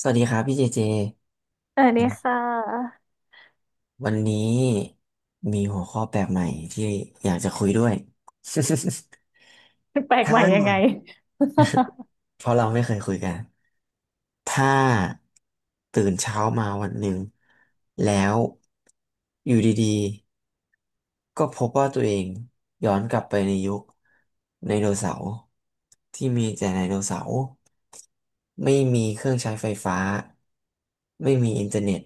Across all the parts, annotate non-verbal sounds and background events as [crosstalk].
สวัสดีครับพี่เจเจอันอันนี้นี้ค่ะวันนี้มีหัวข้อแปลกใหม่ที่อยากจะคุยด้วย [laughs] แปลกถ้าใหม่ยังไง [laughs] เพราะเราไม่เคยคุยกันถ้าตื่นเช้ามาวันหนึ่งแล้วอยู่ดีๆก็พบว่าตัวเองย้อนกลับไปในยุคไดโนเสาร์ที่มีแต่ไดโนเสาร์ไม่มีเครื่องใช้ไฟฟ้าไม่มีอินเทอร์เน็ต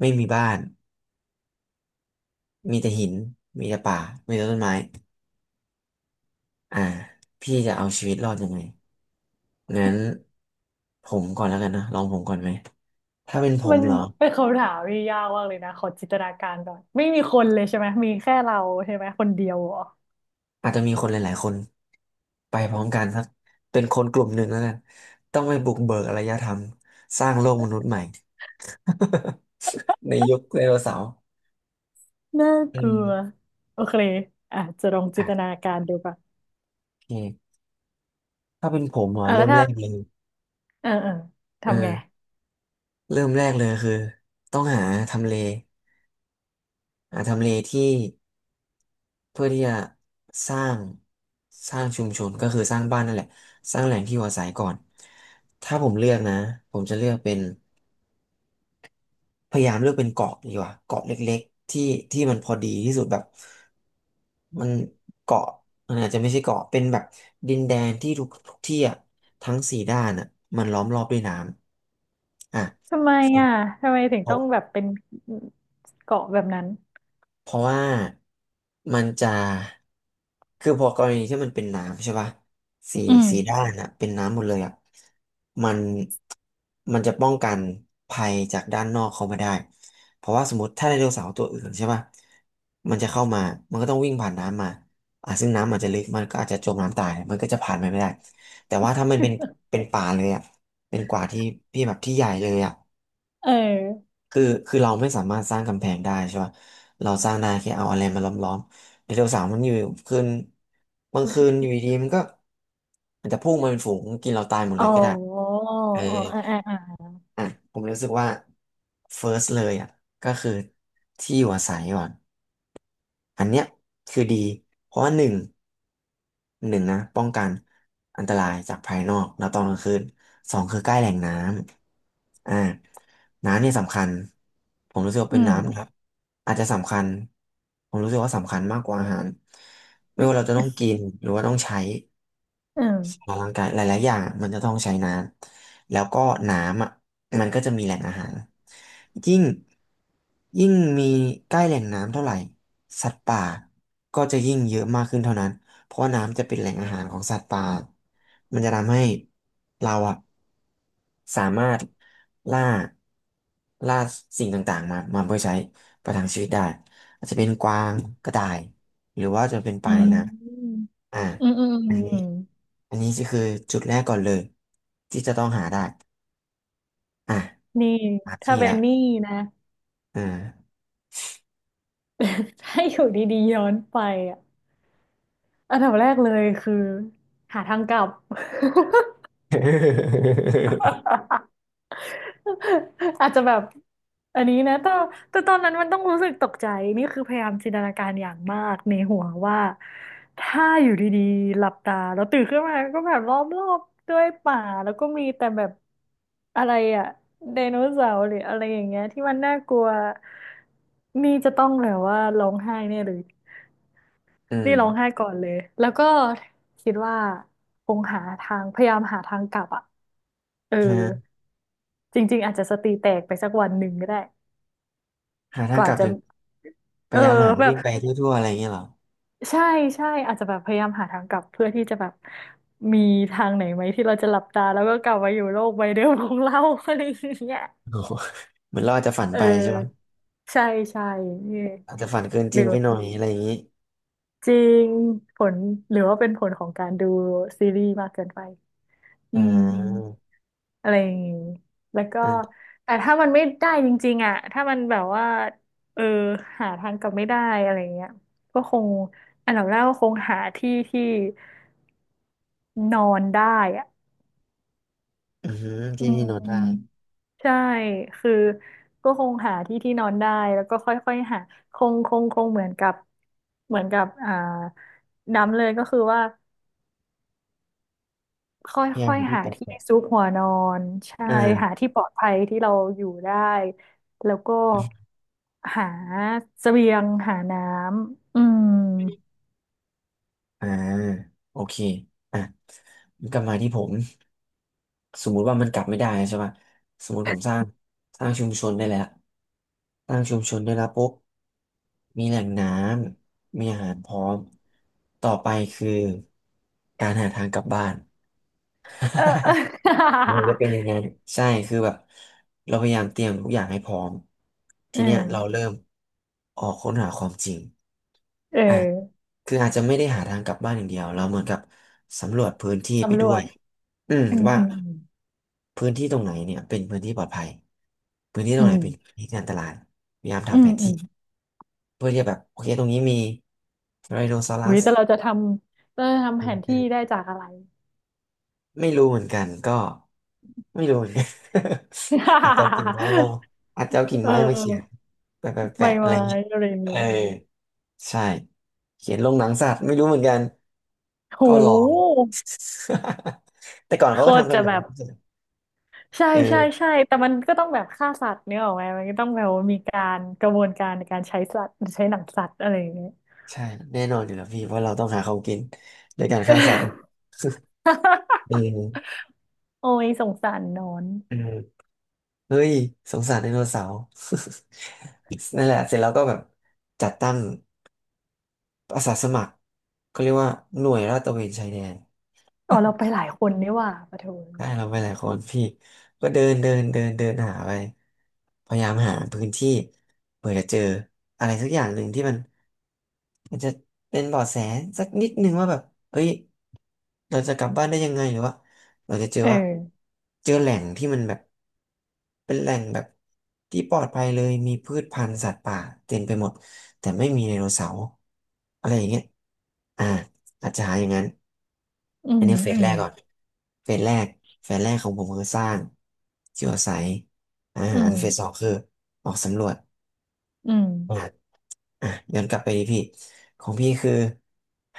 ไม่มีบ้าน มีแต่หินมีแต่ป่า มีแต่ต้นไม้อ่าพี่จะเอาชีวิตรอดยังไงงั้นผมก่อนแล้วกันนะลองผมก่อนไหม ถ้าเป็นผมมันเหรอเป็นคำถามที่ยากมากเลยนะขอจินตนาการก่อนไม่มีคนเลยใช่ไหมมีแค่เราใช่ไหมคนเดียวเหรออาจจะมีคนหลายๆคนไปพร้อมกันสักเป็นคนกลุ่มหนึ่งแล้วกันต้องไปบุกเบิกอารยธรรมสร้างโลกมนุษย์ใหม่ [laughs] ในยุคไดโนเสาร์น่าอืกลัวมโอเคอ่ะจะลองจิอ่ะนตนาการดูป่ะโอเคถ้าเป็นผมเหรออ่ะแล้เริ่วมถ้าแรกเลยเออเออเอทำไงอเริ่มแรกเลยคือต้องหาทำเลหาทำเลที่ เพื่อที่จะสร้างสร้างชุมชนก็คือสร้างบ้านนั่นแหละสร้างแหล่งที่อยู่อาศัยก่อนถ้าผมเลือกนะผมจะเลือกเป็นพยายามเลือกเป็นเกาะดีกว่าเกาะเล็กๆที่มันพอดีที่สุดแบบมันเกาะมันอาจจะไม่ใช่เกาะเป็นแบบดินแดนที่ทุกที่อ่ะทั้งสี่ด้านอ่ะมันล้อมรอบด้วยน้ำอ่ะ ทำไมอ่ะทำไมถึงต้องแบบเป็นเกาะแบบนั้นเพราะว่ามันจะคือพอกรณีที่มันเป็นน้ำใช่ป่ะสีอืมสีด้านอะเป็นน้ำหมดเลยอ่ะมันมันจะป้องกันภัยจากด้านนอกเข้ามาได้เพราะว่าสมมติถ้าไดโนเสาร์ตัวอื่นใช่ป่ะมันจะเข้ามามันก็ต้องวิ่งผ่านน้ำมาอ่ะซึ่งน้ำอาจจะลึกมันก็อาจจะจมน้ำตายมันก็จะผ่านไปไม่ได้แต่ว่าถ้ามันเป็นป่าเลยอ่ะเป็นกว่าที่พี่แบบที่ใหญ่เลยอะ เออคือคือเราไม่สามารถสร้างกำแพงได้ใช่ป่ะเราสร้างได้แค่เอาอะไรมาล้อมๆไดโนเทวสาวมันอยู่คืนบางคืนอยู่ดีๆมันก็อาจจะพุ่งมาเป็นฝูงกินเราตายหมดอ๋เลอยก็ได้อ๋อเอออ่าอ่าอ่าอ่ะผมรู้สึกว่า first เลยอ่ะก็คือที่อยู่อาศัยก่อนอันเนี้ยคือดีเพราะว่าหนึ่ง หนึ่งนะป้องกันอันตรายจากภายนอกแล้วตอนกลางคืนสองคือใกล้แหล่งน้ำอ่าน้ำเนี่ยสำคัญผมรู้สึกว่าอืเป็นน้ำนะมครับอาจจะสำคัญผมรู้สึกว่าสำคัญมากกว่าอาหารไม่ว่าเราจะต้องกินหรือว่าต้องใช้ อืมออกกำลังกายหลายๆอย่างมันจะต้องใช้น้ำแล้วก็น้ำอ่ะมันก็จะมีแหล่งอาหารยิ่งยิ่งมีใกล้แหล่งน้ำเท่าไหร่สัตว์ป่าก็จะยิ่งเยอะมากขึ้นเท่านั้นเพราะว่าน้ำจะเป็นแหล่งอาหารของสัตว์ป่ามันจะทำให้เราอ่ะสามารถล่าล่าสิ่งต่างๆมาเพื่อใช้ประทังชีวิตได้อาจจะเป็นกวางกระต่ายหรือว่าจะเป็นปอืลาในมน้ำอ่าอืมอืมอันนี้ อืม อันนี้ก็คือจุดแรกก่อนเลยที่จะต้องหาได้อ่ะนี่หาถ้าที่เป็ละนนี่นะ อ่า [laughs] ถ้าอยู่ดีๆย้อนไปอ่ะอันดับแรกเลยคือหาทางกลับ [laughs] [laughs] อาจจะแบบอันนี้นะแต่แต่ตอนนั้นมันต้องรู้สึกตกใจนี่คือพยายามจินตนาการอย่างมากในหัวว่าถ้าอยู่ดีๆหลับตาแล้วตื่นขึ้นมาก็แบบรอบๆด้วยป่าแล้วก็มีแต่แบบอะไรอะไดโนเสาร์หรืออะไรอย่างเงี้ยที่มันน่ากลัวนี่จะต้องแบบว่าร้องไห้แน่เลย อืนี่ร้องไห้มก่อนเลย แล้วก็คิดว่าคงหาทางพยายามหาทางกลับอ่ะเออฮะจริงๆอาจจะสติแตกไปสักวันหนึ่งก็ได้หาทากงกว่าลับจะจะพเออยายามหาแบบวิ่งไปทั่วๆอะไรอย่างเงี้ยเหรอใช่ใช่อาจจะแบบพยายามหาทางกลับเพื่อที่จะแบบมีทางไหนไหมที่เราจะหลับตาแล้วก็กลับมาอยู่โลกใบเดิมของเรา [laughs] อะไรอย่างเงี้ยโอ้โหเหมือนเราอาจจะฝันเอไปใช่ปะอใช่ใช่นี่อาจจะฝันเกินจหรืริงอไปหน่อยอะไรอย่างงี้จริงผลหรือว่าเป็นผลของการดูซีรีส์มากเกินไปอือ่ม าอะไรอย่างงี้แล้วก็อ่าแต่ถ้ามันไม่ได้จริงๆอ่ะถ้ามันแบบว่าเออหาทางกลับไม่ได้อะไรอย่างเงี้ยก็คงอันดับแรกก็คงหาที่ที่นอนได้อ่ะอือหืออืที่ที่นอนมได้ใช่ คือก็คงหาที่ที่นอนได้แล้วก็ค่อยๆหาคงเหมือนกับเหมือนกับอ่าน้ำเลยก็คือว่า คพยายา่มอยหาๆที่หาแปที่ลกซุกหัวนอนใช่ๆอ่า หาที่ปลอดภัยที่เราอยู่ได้แล้วก็หาเสบียงหาน้ำอืมอ่าโอเคอ่ะกลับมาที่ผมสมมุติว่ามันกลับไม่ได้ใช่ป่ะสมมุติผมสร้างสร้างชุมชนได้แล้วสร้างชุมชนได้แล้วปุ๊บมีแหล่งน้ำมีอาหารพร้อมต่อไปคือการหาทางกลับบ้าน เออ [laughs] [laughs] มันจะเป็นอย่างนั้นใช่คือแบบเราพยายามเตรียมทุกอย่างให้พร้อมทีเอเนี้ยเราเริ่อมออกค้นหาความจริงเอออ่ะคืออาจจะไม่ได้หาทางกลับบ้านอย่างเดียวเราเหมือนกับสำรวจพื้นที่ไปสำรด้ววยจอืมอืมว่าอืมพื้นที่ตรงไหนเนี่ยเป็นพื้นที่ปลอดภัยพื้นที่ตรอืงไหนมเป็นพื้นที่ที่อันตรายพยายามอืทำแผมนอืที่มเพื่อที่จะแบบโอเคตรงนี้มีไดโนซออุ้รัยส แต่เราจะทำเราจะทำแผนที่ได้จากอะไร ไม่รู้เหมือนกันก็ไม่รู้เหมือนกัน [laughs] อาจจะเอากิ่งไม้มา [laughs] อาจจะเอากิ่งเอไม้มาเขียนอแปะแปะใบแปะอะไรไม้เงี้ยอะไรอย่างเอเงี้อยใช่เขียนลงหนังสัตว์ไม่รู้เหมือนกันโก็ลอง ห [laughs] แต่ก่อนโคเขาก็ตรทำกันจะแบแบบนี้บ ใช่เออใช่ใช่แต่มันก็ต้องแบบฆ่าสัตว์เนี่ยออกไหมมันก็ต้องแบบว่ามีการกระบวนการในการใช้สัตว์ใช้หนังสัตว์อะไรอย่างเงี้ย ใช่แน่นอนอยู่แล้วพี่เพราะเราต้องหาของกินด้วยการฆ่าสัตว์ [laughs] เออ [laughs] โอ้ยสงสารนอนเออเฮ้ยสงสารไดโนเสาร์ [laughs] นั่นแหละเสร็จแล้วก็แบบจัดตั้ง อาสาสมัครเขาเรียกว่าหน่วยลาดตระเวนชายแดน อ๋อเราไป [laughs] หลายคนนี่หว่าปะโถได้เราไปหลายคนพี่ก็เดินเดินเดินเดินหาไปพยายามหาพื้นที่เผื่อจะเจออะไรสักอย่างหนึ่งที่มันจะเป็นเบาะแสสักนิดนึงว่าแบบเฮ้ยเราจะกลับบ้านได้ยังไงหรือว่าเราจะเจอเอว่าอเจอแหล่งที่มันแบบเป็นแหล่งแบบที่ปลอดภัยเลยมีพืชพันธุ์สัตว์ป่าเต็มไปหมดแต่ไม่มีไดโนเสาร์อะไรอย่างเงี้ยอ่าอาจจะหาอย่างนั้น อือันมนี้เฟสอืแรมกก่อน เฟสแรกเฟสแรกของผมคือสร้างที่อยู่อาศัยอาอืหารมเฟสสองคือออกสำรวจอืมอหาอ่ะย้อนกลับไปดีพี่ ของพี่คือ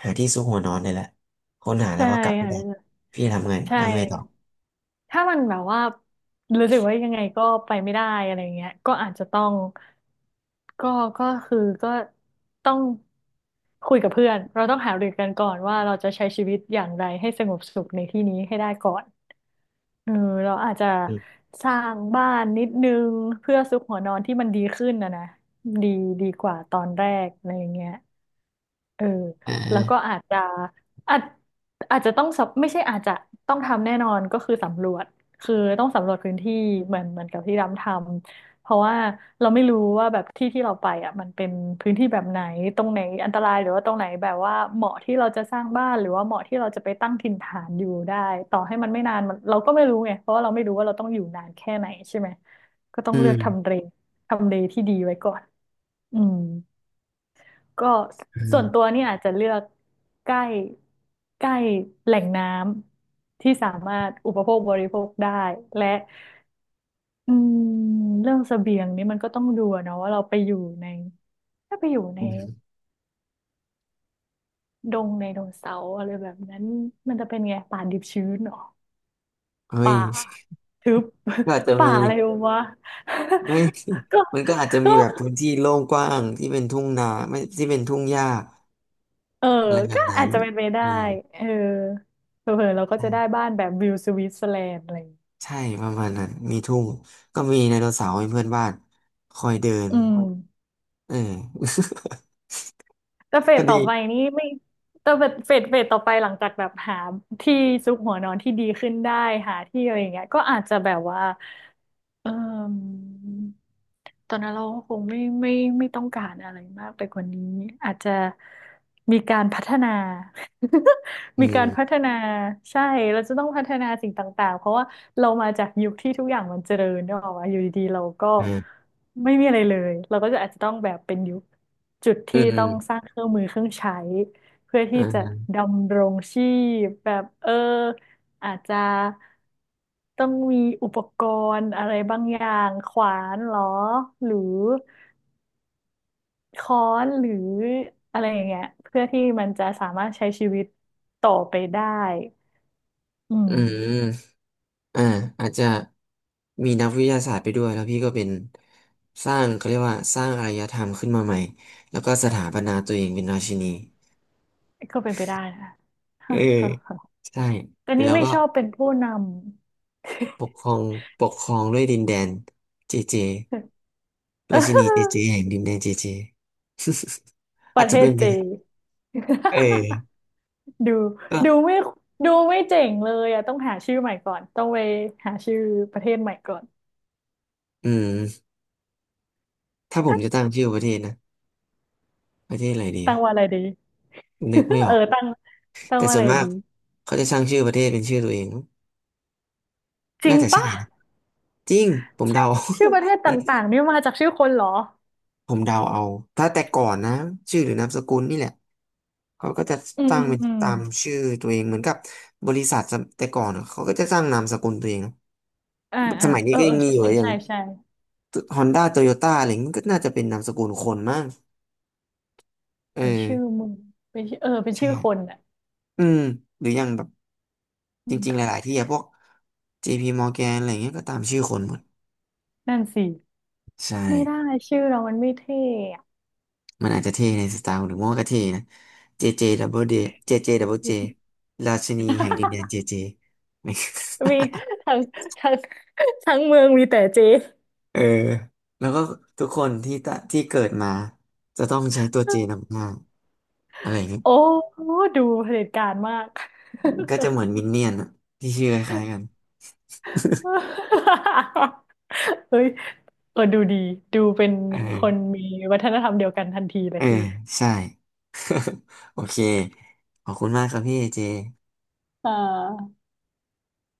หาที่ซุกหัวนอนนี่แหละค้นหาแล้ใช่วก็กลับไม่ค่ได้ะพี่ทำไงใช่ ทำไงต่อถ้ามันแบบว่ารู้สึกว่ายังไงก็ไปไม่ได้อะไรเงี้ยก็อาจจะต้องก็ก็คือก็ต้องคุยกับเพื่อนเราต้องหารือกันก่อนว่าเราจะใช้ชีวิตอย่างไรให้สงบสุขในที่นี้ให้ได้ก่อนเออเราอาจจะอืมสร้างบ้านนิดนึงเพื่อซุกหัวนอนที่มันดีขึ้นนะนะดีดีกว่าตอนแรกอะไรอย่างเงี้ย เอออ่แล้วก็าอาจอาจจะต้องสำไม่ใช่อาจจะต้องทำแน่นอนก็คือสำรวจคือต้องสำรวจพื้นที่เหมือนกับที่ดำทำเพราะว่าเราไม่รู้ว่าแบบที่ที่เราไปอ่ะมันเป็นพื้นที่แบบไหนตรงไหนอันตรายหรือว่าตรงไหนแบบว่าเหมาะที่เราจะสร้างบ้านหรือว่าเหมาะที่เราจะไปตั้งถิ่นฐานอยู่ได้ต่อให้มันไม่นานมันเราก็ไม่รู้ไงเพราะว่าเราไม่รู้ว่าเราต้องอยู่นานแค่ไหนใช่ไหมก็ต้ออืงเลือกทำมเลทำเลที่ดีไว้ก่อนอืม ก็อืส่วนมตัวเนี่ยอาจจะเลือกใกล้ใกล้แหล่งน้ำที่สามารถอุปโภคบริโภคได้และอืมเรื่องเสบียงนี่มันก็ต้องดูอะเนาะว่าเราไปอยู่ในถ้าไปอยู่ในอืมดงในดงเสาอะไรแบบนั้นมันจะเป็นไงป่าดิบชื้นเหรอเฮ้ยป่าทึบ ก็อาจจะ [laughs] ป่ามีอะไรวะ ไม่ [laughs] ก็ [laughs] มันก็อาจจะมีก็แบบพื้นที่โล่งกว้างที่เป็นทุ่งนาไม่ที่เป็นทุ่งหญ้าเอออะไรแบก็บนั้อาจนจะเป็นไปได้อืม เออเผลอๆเราก็จะได้บ้านแบบวิวสวิตเซอร์แลนด์อะไรอย่างเงี้ย ใช่ประมาณนั้นมีทุ่งก็มีไดโนเสาร์เป็นเพื่อนบ้านคอยเดินอืมเออ แต่เฟ [laughs] ก็สดีต่อไปนี่ไม่แต่เฟสต่อไปหลังจากแบบหาที่ซุกหัวนอนที่ดีขึ้นได้หาที่อะไรอย่างเงี้ยก็อาจจะแบบว่า เอ่มตอนนั้นเราก็คงไม่ต้องการอะไรมากไปกว่านี้อาจจะมีการพัฒนา [laughs] อืมีกามรพัฒนาใช่เราจะต้องพัฒนาสิ่งต่างๆเพราะว่าเรามาจากยุคที่ทุกอย่างมันเจริญเนกอะว่าอยู่ดีๆเราก็อืมไม่มีอะไรเลยเราก็จะอาจจะต้องแบบเป็นยุคจุดอืที่ต้องมสร้างเครื่องมือเครื่องใช้ เพื่ออืที่จะมดำรงชีพแบบเอออาจจะต้องมีอุปกรณ์อะไรบางอย่างขวานเหรอหรือค้อนหรืออะไรอย่างเงี้ยเพื่อที่มันจะสามารถใช้ชีวิตต่อไปได้ อืมอืมอ่า อาจจะมีนักวิทยาศาสตร์ไปด้วย แล้วพี่ก็เป็นสร้าง เขาเรียกว่าสร้างอารยธรรมขึ้นมาใหม่ แล้วก็สถาปนาตัวเองเป็นราชินีก็เป็นไปได้นะเออฮ่าฮ่าฮ่าใช่แต่ [laughs] เสร็จนี้แล้วไม่ก็ชอบเป็นผู้นำ ปกครอง ปกครองด้วยดินแดนเจเจราชินีเจเจแห่งดินแดนเจเจ [laughs] [laughs] ปอาจระจะเทเป็ศนไปเจได้ น เออดูก็ดูไม่ดูไม่เจ๋งเลยอ่ะต้องหาชื่อใหม่ก่อนต้องไปหาชื่อประเทศใหม่ก่อนอืมถ้าผมจะตั้งชื่อประเทศนะประเทศอะไรดีตั้งอะว่าอะไรดี นึกไม่ [laughs] อเอออกตั้งตั้งแต่ว่าส่อะวไรนมากดีเขาจะตั้งชื่อประเทศเป็นชื่อตัวเองจริน่างจะใช่ปะนะ จริง ผมชื่อเดา ชื่อประเทศ [laughs] ตน่า่างจะๆนี่มาจากชื่อคนเหรอผมเดาเอา ถ้าแต่ก่อนนะชื่อหรือนามสกุลนี่แหละ เขาก็จะอืมตั้อืงมเป็นอืมตามชื่อตัวเองเหมือนกับบริษัทสมแต่ก่อนอะเขาก็จะตั้งนามสกุลตัวเองนะอ่าสอ่ามัยนี้เออก็เอยัองมีใช่อยู่อย่างใช่ใช่ฮอนด้าโตโยต้าอะไรอย่างงี้มันก็น่าจะเป็นนามสกุลคนมากเออเป็นชื่อเมึงเป็นชื่อเออเป็นใช่ชื่อคนอ่ะอืมหรืออย่างแบบ จอืริงๆหมลายๆที่อะพวก JP Morgan อะไรเงี้ยก็ตามชื่อคนหมดนั่นสิใช่ ไม่ได้ชื่อเรามันไม่เท่อะ มันอาจจะเท่ในสไตล์หรือว่าก็เท่นะ JJ Double J JJ Double J ราชินีแห่งดินแดน [laughs] JJ เจ [laughs] มีทั้งทั้งทั้งเมืองมีแต่เจเออแล้วก็ทุกคนที่ตะที่เกิดมาจะต้องใช้ตัว J นำหน้าอะไรอย่างเงี้ยโอ้ดูเผด็จการมาก ก็จะเหมือนมินเนี่ยนอะที่ชื่อคล้ายๆกัน [laughs] เฮ้ยเออดูดี ดูเป็นเอคนอมีวัฒนธรรมเดียวกันทันทีเลเอยอใช่ [laughs] โอเคขอบคุณมากครับพี่เจอ่า